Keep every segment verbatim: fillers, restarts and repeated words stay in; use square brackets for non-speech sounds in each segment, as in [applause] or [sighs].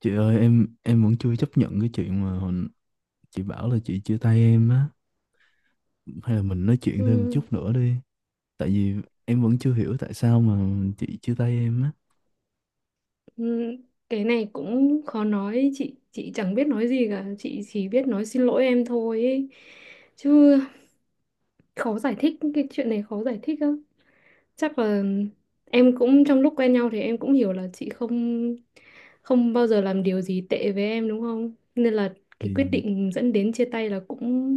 Chị ơi, em em vẫn chưa chấp nhận cái chuyện mà hồi, chị bảo là chị chia tay em á, hay là mình nói chuyện Ừ, thêm một chút nữa đi. Tại vì em vẫn chưa hiểu tại sao mà chị chia tay em á. ừ, cái này cũng khó nói. Chị chị chẳng biết nói gì cả, chị chỉ biết nói xin lỗi em thôi ấy, chứ khó giải thích. Cái chuyện này khó giải thích lắm. Chắc là em cũng trong lúc quen nhau thì em cũng hiểu là chị không không bao giờ làm điều gì tệ với em đúng không, nên là cái quyết Thì định dẫn đến chia tay là cũng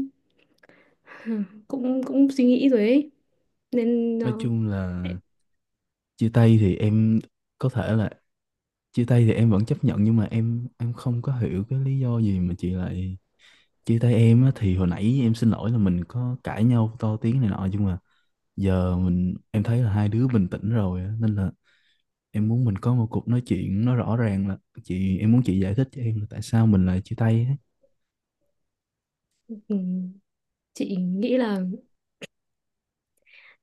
[laughs] [sighs] cũng cũng suy nghĩ rồi ấy. Nên nói ờ, chung là em- chia tay thì em có thể là chia tay thì em vẫn chấp nhận, nhưng mà em em không có hiểu cái lý do gì mà chị lại chia tay em á. Thì hồi nãy em xin lỗi là mình có cãi nhau to tiếng này nọ, nhưng mà giờ mình em thấy là hai đứa bình tĩnh rồi á, nên là em muốn mình có một cuộc nói chuyện nó rõ ràng là chị, em muốn chị giải thích cho em là tại sao mình lại chia tay ấy. ừ, chị nghĩ là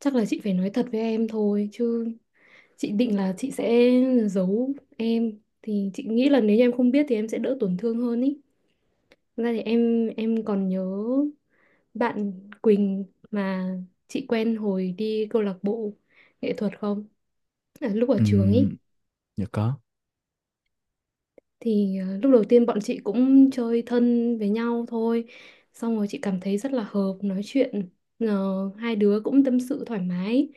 chắc là chị phải nói thật với em thôi, chứ chị định là chị sẽ giấu em, thì chị nghĩ là nếu như em không biết thì em sẽ đỡ tổn thương hơn ý. Thật ra thì em em còn nhớ bạn Quỳnh mà chị quen hồi đi câu lạc bộ nghệ thuật không, à, lúc ở trường ý. Ừm, dạ có. Thì ờ, lúc đầu tiên bọn chị cũng chơi thân với nhau thôi, xong rồi chị cảm thấy rất là hợp nói chuyện. Ờ, hai đứa cũng tâm sự thoải mái,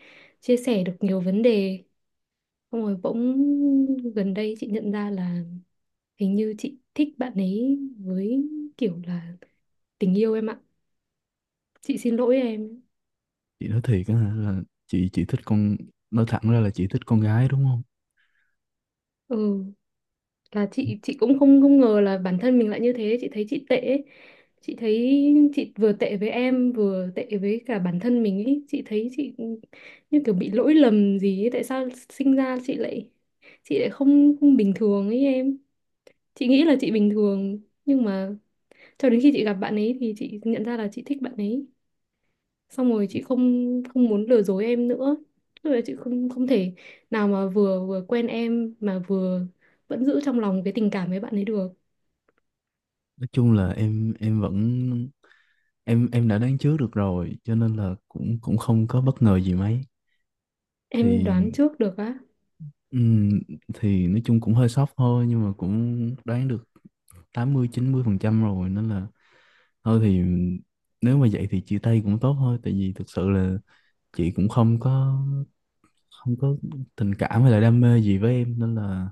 chia sẻ được nhiều vấn đề, xong rồi bỗng gần đây chị nhận ra là hình như chị thích bạn ấy với, kiểu là tình yêu em ạ. Chị xin lỗi em. Chị nói thiệt á hả, là chị chị thích con, nói thẳng ra là chị thích con gái đúng không? Ừ, là chị chị cũng không không ngờ là bản thân mình lại như thế, chị thấy chị tệ ấy. Chị thấy chị vừa tệ với em, vừa tệ với cả bản thân mình ấy. Chị thấy chị như kiểu bị lỗi lầm gì ấy. Tại sao sinh ra chị lại chị lại không không bình thường ấy em. Chị nghĩ là chị bình thường, nhưng mà cho đến khi chị gặp bạn ấy thì chị nhận ra là chị thích bạn ấy. Xong rồi chị không không muốn lừa dối em nữa, tức là chị không không thể nào mà vừa vừa quen em mà vừa vẫn giữ trong lòng cái tình cảm với bạn ấy được. Nói chung là em em vẫn, em em đã đoán trước được rồi, cho nên là cũng cũng không có bất ngờ gì mấy. Em Thì đoán trước được á? ừm, thì nói chung cũng hơi sốc thôi, nhưng mà cũng đoán được tám mươi chín mươi phần trăm rồi, nên là thôi thì nếu mà vậy thì chia tay cũng tốt thôi. Tại vì thực sự là chị cũng không có không có tình cảm hay là đam mê gì với em, nên là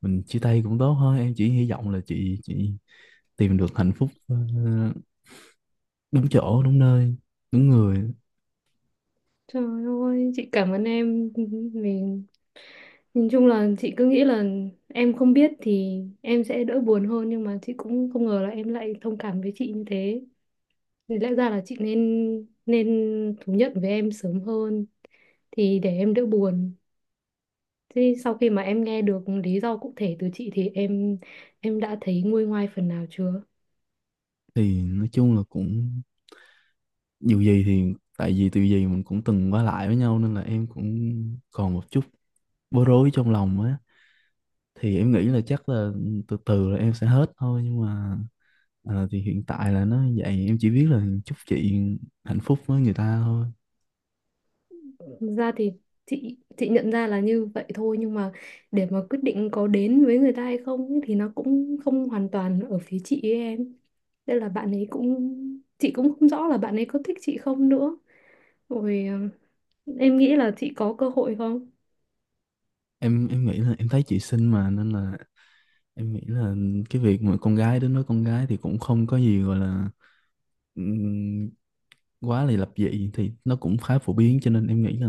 mình chia tay cũng tốt thôi. Em chỉ hy vọng là chị chị tìm được hạnh phúc ờ, đúng chỗ, đúng nơi, đúng người. Trời ơi, chị cảm ơn em. Mình nhìn chung là chị cứ nghĩ là em không biết thì em sẽ đỡ buồn hơn, nhưng mà chị cũng không ngờ là em lại thông cảm với chị như thế. Thì lẽ ra là chị nên nên thú nhận với em sớm hơn, thì để em đỡ buồn. Thế sau khi mà em nghe được lý do cụ thể từ chị thì em em đã thấy nguôi ngoai phần nào chưa? Thì nói chung là cũng dù gì thì tại vì từ gì mình cũng từng qua lại với nhau, nên là em cũng còn một chút bối rối trong lòng á. Thì em nghĩ là chắc là từ từ là em sẽ hết thôi, nhưng mà ờ, thì hiện tại là nó vậy. Em chỉ biết là chúc chị hạnh phúc với người ta thôi. Thực ra thì chị chị nhận ra là như vậy thôi, nhưng mà để mà quyết định có đến với người ta hay không ấy thì nó cũng không hoàn toàn ở phía chị ấy em. Đây là bạn ấy cũng, chị cũng không rõ là bạn ấy có thích chị không nữa. Rồi ờ, em nghĩ là chị có cơ hội không? Em em nghĩ là em thấy chị xinh mà, nên là em nghĩ là cái việc mà con gái đến nói con gái thì cũng không có gì gọi là ừm, quá là lập dị, thì nó cũng khá phổ biến. Cho nên em nghĩ là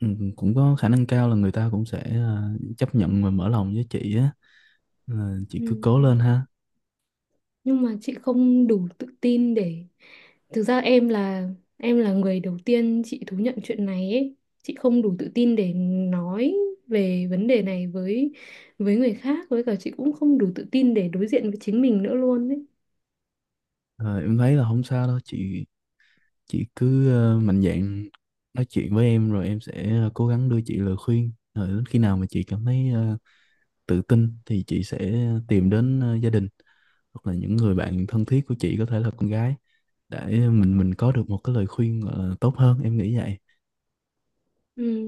ừm, cũng có khả năng cao là người ta cũng sẽ à, chấp nhận và mở lòng với chị á. Ờ, Ừ, chị cứ cố lên ha. nhưng mà chị không đủ tự tin để, thực ra em là em là người đầu tiên chị thú nhận chuyện này ấy. Chị không đủ tự tin để nói về vấn đề này với với người khác, với cả chị cũng không đủ tự tin để đối diện với chính mình nữa luôn ấy. Ờ, em thấy là không sao đâu chị. Chị cứ ờ, mạnh dạn nói chuyện với em, rồi em sẽ ờ, cố gắng đưa chị lời khuyên. Rồi đến khi nào mà chị cảm thấy ờ, tự tin thì chị sẽ tìm đến ờ, gia đình hoặc là những người bạn thân thiết của chị, có thể là con gái, để mình mình có được một cái lời khuyên gọi là tốt hơn, em nghĩ vậy. Ừ,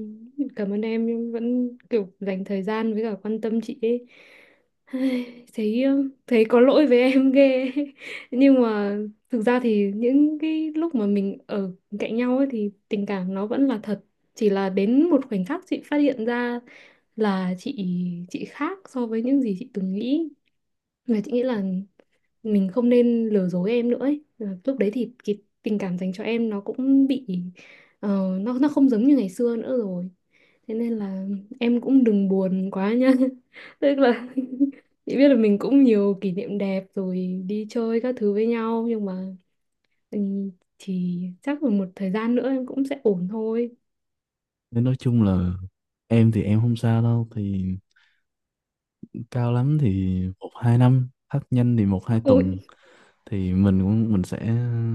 cảm ơn em nhưng vẫn kiểu dành thời gian với cả quan tâm chị ấy. Ai, Thấy thấy có lỗi với em ghê [laughs] ấy. Nhưng mà thực ra thì những cái lúc mà mình ở cạnh nhau ấy thì tình cảm nó vẫn là thật. Chỉ là đến một khoảnh khắc chị phát hiện ra là chị chị khác so với những gì chị từng nghĩ. Là chị nghĩ là mình không nên lừa dối em nữa ấy. Ờ, lúc đấy thì cái tình cảm dành cho em nó cũng bị ờ, nó nó không giống như ngày xưa nữa rồi. Thế nên là em cũng đừng buồn quá nha. [laughs] Tức là [laughs] chị biết là mình cũng nhiều kỷ niệm đẹp, rồi đi chơi các thứ với nhau, nhưng mà ừ, thì chắc là một thời gian nữa em cũng sẽ ổn thôi. Nên nói chung là em thì em không sao đâu. Thì cao lắm thì một hai năm, thấp nhanh thì một hai tuần Ôi. thì mình cũng mình sẽ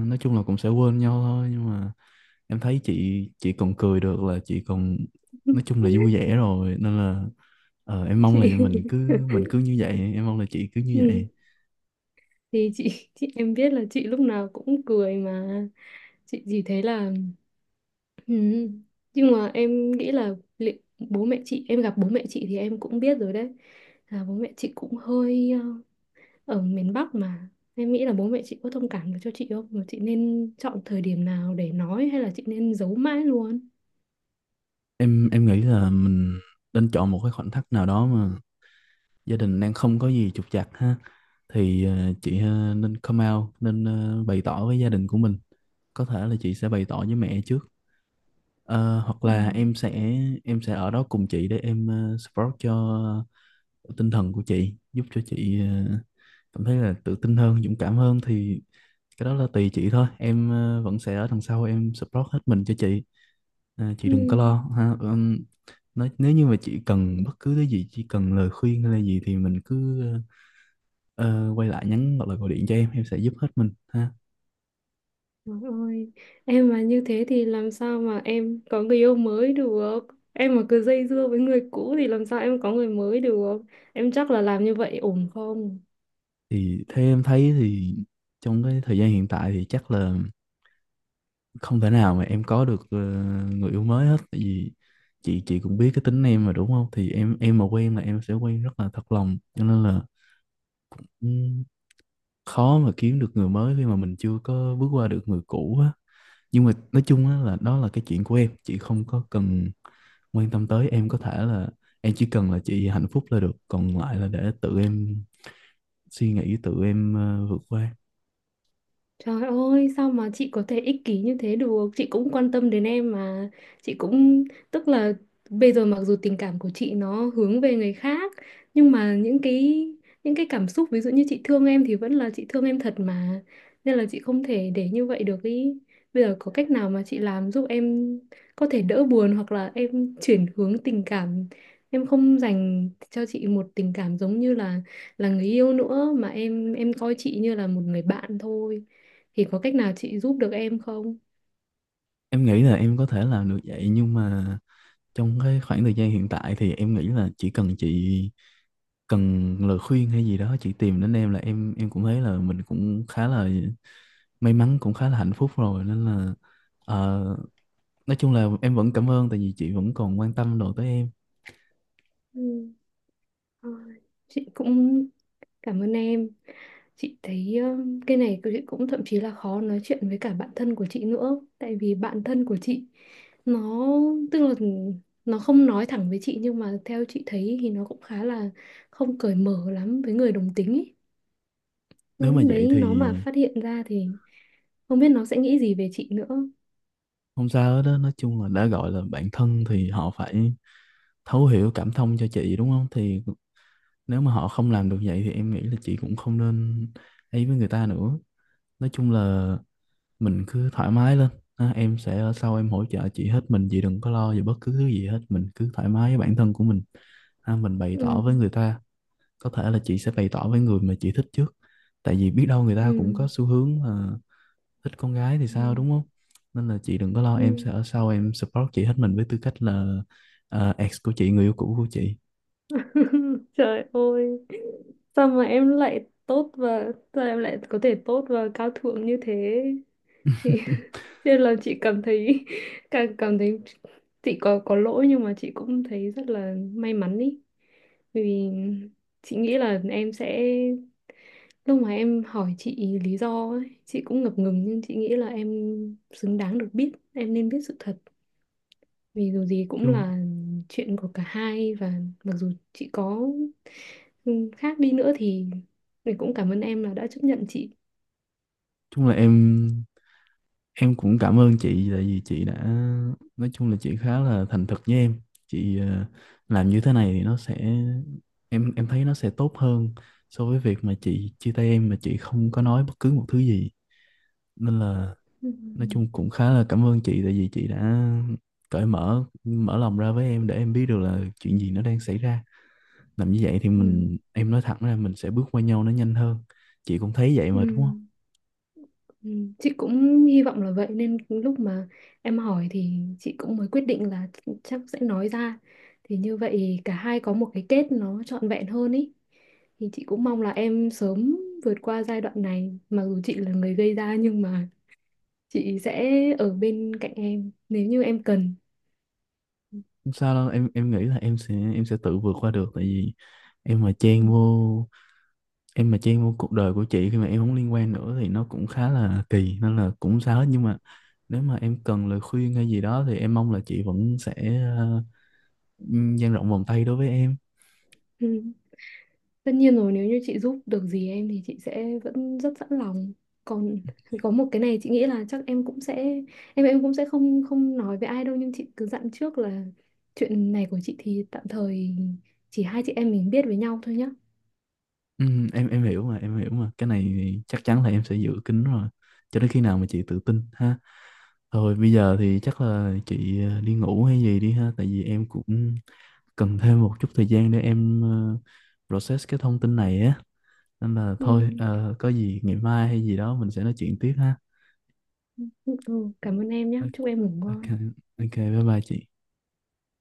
nói chung là cũng sẽ quên nhau thôi. Nhưng mà em thấy chị chị còn cười được là chị còn nói chung là vui [laughs] vẻ rồi, nên là ờ, em mong là Chị. mình cứ [laughs] mình cứ như vậy, em mong là chị cứ như Ừ, vậy. thì chị chị em biết là chị lúc nào cũng cười mà. Chị chỉ thấy là ừ. Nhưng mà em nghĩ là li- bố mẹ chị, em gặp bố mẹ chị thì em cũng biết rồi đấy, là bố mẹ chị cũng hơi ờ, ở miền Bắc mà. Em nghĩ là bố mẹ chị có thông cảm được cho chị không, mà chị nên chọn thời điểm nào để nói, hay là chị nên giấu mãi luôn? Em em nghĩ là mình nên chọn một cái khoảnh khắc nào đó mà gia đình đang không có gì trục trặc ha. Thì ờ, chị ờ, nên come out, nên ờ, bày tỏ với gia đình của mình. Có thể là chị sẽ bày tỏ với mẹ trước. Ờ, hoặc Ừ. là em sẽ em sẽ ở đó cùng chị để em ờ, support cho tinh thần của chị, giúp cho chị ờ, cảm thấy là tự tin hơn, dũng cảm hơn. Thì cái đó là tùy chị thôi, em ờ, vẫn sẽ ở đằng sau em support hết mình cho chị. À, chị Ừ. đừng có lo ha. Ừm, nói nếu như mà chị cần bất cứ cái gì, chỉ cần lời khuyên hay là gì, thì mình cứ ờ, quay lại nhắn hoặc là gọi điện cho em em sẽ giúp hết mình ha. Trời ơi, em mà như thế thì làm sao mà em có người yêu mới được? Em mà cứ dây dưa với người cũ thì làm sao em có người mới được? Em chắc là làm như vậy ổn không? Thì theo em thấy thì trong cái thời gian hiện tại thì chắc là không thể nào mà em có được ờ, người yêu mới hết. Tại vì chị chị cũng biết cái tính em mà đúng không, thì em em mà quen là em sẽ quen rất là thật lòng, cho nên là ừm, khó mà kiếm được người mới khi mà mình chưa có bước qua được người cũ á. Nhưng mà nói chung á là đó là cái chuyện của em, chị không có cần quan tâm tới. Em có thể là em chỉ cần là chị hạnh phúc là được, còn lại là để tự em suy nghĩ, tự em ờ, vượt qua. Trời ơi, sao mà chị có thể ích kỷ như thế được? Chị cũng quan tâm đến em mà. Chị cũng, tức là bây giờ mặc dù tình cảm của chị nó hướng về người khác, nhưng mà những cái những cái cảm xúc ví dụ như chị thương em thì vẫn là chị thương em thật mà. Nên là chị không thể để như vậy được ý. Bây giờ có cách nào mà chị làm giúp em có thể đỡ buồn, hoặc là em chuyển hướng tình cảm, em không dành cho chị một tình cảm giống như là là người yêu nữa, mà em em coi chị như là một người bạn thôi, thì có cách nào chị giúp được em không? Em nghĩ là em có thể làm được vậy, nhưng mà trong cái khoảng thời gian hiện tại thì em nghĩ là chỉ cần chị cần lời khuyên hay gì đó chị tìm đến em là em em cũng thấy là mình cũng khá là may mắn, cũng khá là hạnh phúc rồi, nên là ờ, nói chung là em vẫn cảm ơn tại vì chị vẫn còn quan tâm đồ tới em. Ừ. Thôi, chị cũng cảm ơn em. Chị thấy ờ, cái này chị cũng thậm chí là khó nói chuyện với cả bạn thân của chị nữa, tại vì bạn thân của chị nó, tức là nó không nói thẳng với chị, nhưng mà theo chị thấy thì nó cũng khá là không cởi mở lắm với người đồng tính ấy. Nhưng Nếu mà lúc vậy đấy thì nó mà phát hiện ra thì không biết nó sẽ nghĩ gì về chị nữa. không sao hết đó. Nói chung là đã gọi là bạn thân thì họ phải thấu hiểu, cảm thông cho chị đúng không. Thì nếu mà họ không làm được vậy thì em nghĩ là chị cũng không nên ấy với người ta nữa. Nói chung là mình cứ thoải mái lên ha, em sẽ ở sau em hỗ trợ chị hết mình. Chị đừng có lo về bất cứ thứ gì hết, mình cứ thoải mái với bản thân của mình ha, mình bày tỏ Ừ. với người ta. Có thể là chị sẽ bày tỏ với người mà chị thích trước, tại vì biết đâu người ta cũng có Ừ. xu hướng là thích con gái thì sao Ừ. đúng không. Nên là chị đừng có lo, em Ừ. sẽ ở sau em support chị hết mình với tư cách là ờ, ex của chị, người yêu cũ của chị. [laughs] Trời ơi, sao mà em lại tốt, và sao em lại có thể tốt và cao thượng như thế? Thì [laughs] [laughs] chứ là chị cảm thấy [laughs] càng cảm thấy chị có có lỗi, nhưng mà chị cũng thấy rất là may mắn ý. Bởi vì chị nghĩ là em sẽ, lúc mà em hỏi chị lý do ấy, chị cũng ngập ngừng, nhưng chị nghĩ là em xứng đáng được biết, em nên biết sự thật. Vì dù gì cũng chung là chuyện của cả hai, và mặc dù chị có ừ, khác đi nữa thì mình cũng cảm ơn em là đã chấp nhận chị. chung là em Em cũng cảm ơn chị tại vì chị đã nói chung là chị khá là thành thực với em. Chị ờ, làm như thế này thì nó sẽ em em thấy nó sẽ tốt hơn so với việc mà chị chia tay em mà chị không có nói bất cứ một thứ gì. Nên là Ừ. nói chung cũng khá là cảm ơn chị tại vì chị đã cởi mở, mở lòng ra với em để em biết được là chuyện gì nó đang xảy ra. Làm như vậy thì Ừ. mình em nói thẳng ra mình sẽ bước qua nhau nó nhanh hơn. Chị cũng thấy vậy Ừ. mà đúng không? Ừ. Chị cũng hy vọng là vậy, nên lúc mà em hỏi thì chị cũng mới quyết định là chắc sẽ nói ra, thì như vậy cả hai có một cái kết nó trọn vẹn hơn ý. Thì chị cũng mong là em sớm vượt qua giai đoạn này, mặc dù chị là người gây ra nhưng mà chị sẽ ở bên cạnh em nếu như em cần. Ừ. Không sao đâu em em nghĩ là em sẽ em sẽ tự vượt qua được. Tại vì em mà chen vô em mà chen vô cuộc đời của chị khi mà em không liên quan nữa thì nó cũng khá là kỳ, nên là cũng không sao hết. Nhưng mà nếu mà em cần lời khuyên hay gì đó thì em mong là chị vẫn sẽ ờ, dang rộng vòng tay đối với em. Ừ. Tất nhiên rồi, nếu như chị giúp được gì em thì chị sẽ vẫn rất sẵn lòng. Còn có một cái này chị nghĩ là chắc em cũng sẽ em em cũng sẽ không không nói với ai đâu, nhưng chị cứ dặn trước là chuyện này của chị thì tạm thời chỉ hai chị em mình biết với nhau thôi nhá. Ừ, em em hiểu mà, em hiểu mà, cái này thì chắc chắn là em sẽ giữ kín rồi cho đến khi nào mà chị tự tin ha. Thôi bây giờ thì chắc là chị ờ, đi ngủ hay gì đi ha, tại vì em cũng cần thêm một chút thời gian để em ờ, process cái thông tin này á. Nên là Ừ. thôi ờ, có gì ngày mai hay gì đó mình sẽ nói chuyện tiếp ha. Ừ. Ừ. Cảm ơn em nhé, chúc em ngủ OK, ngon. OK, bye bye chị.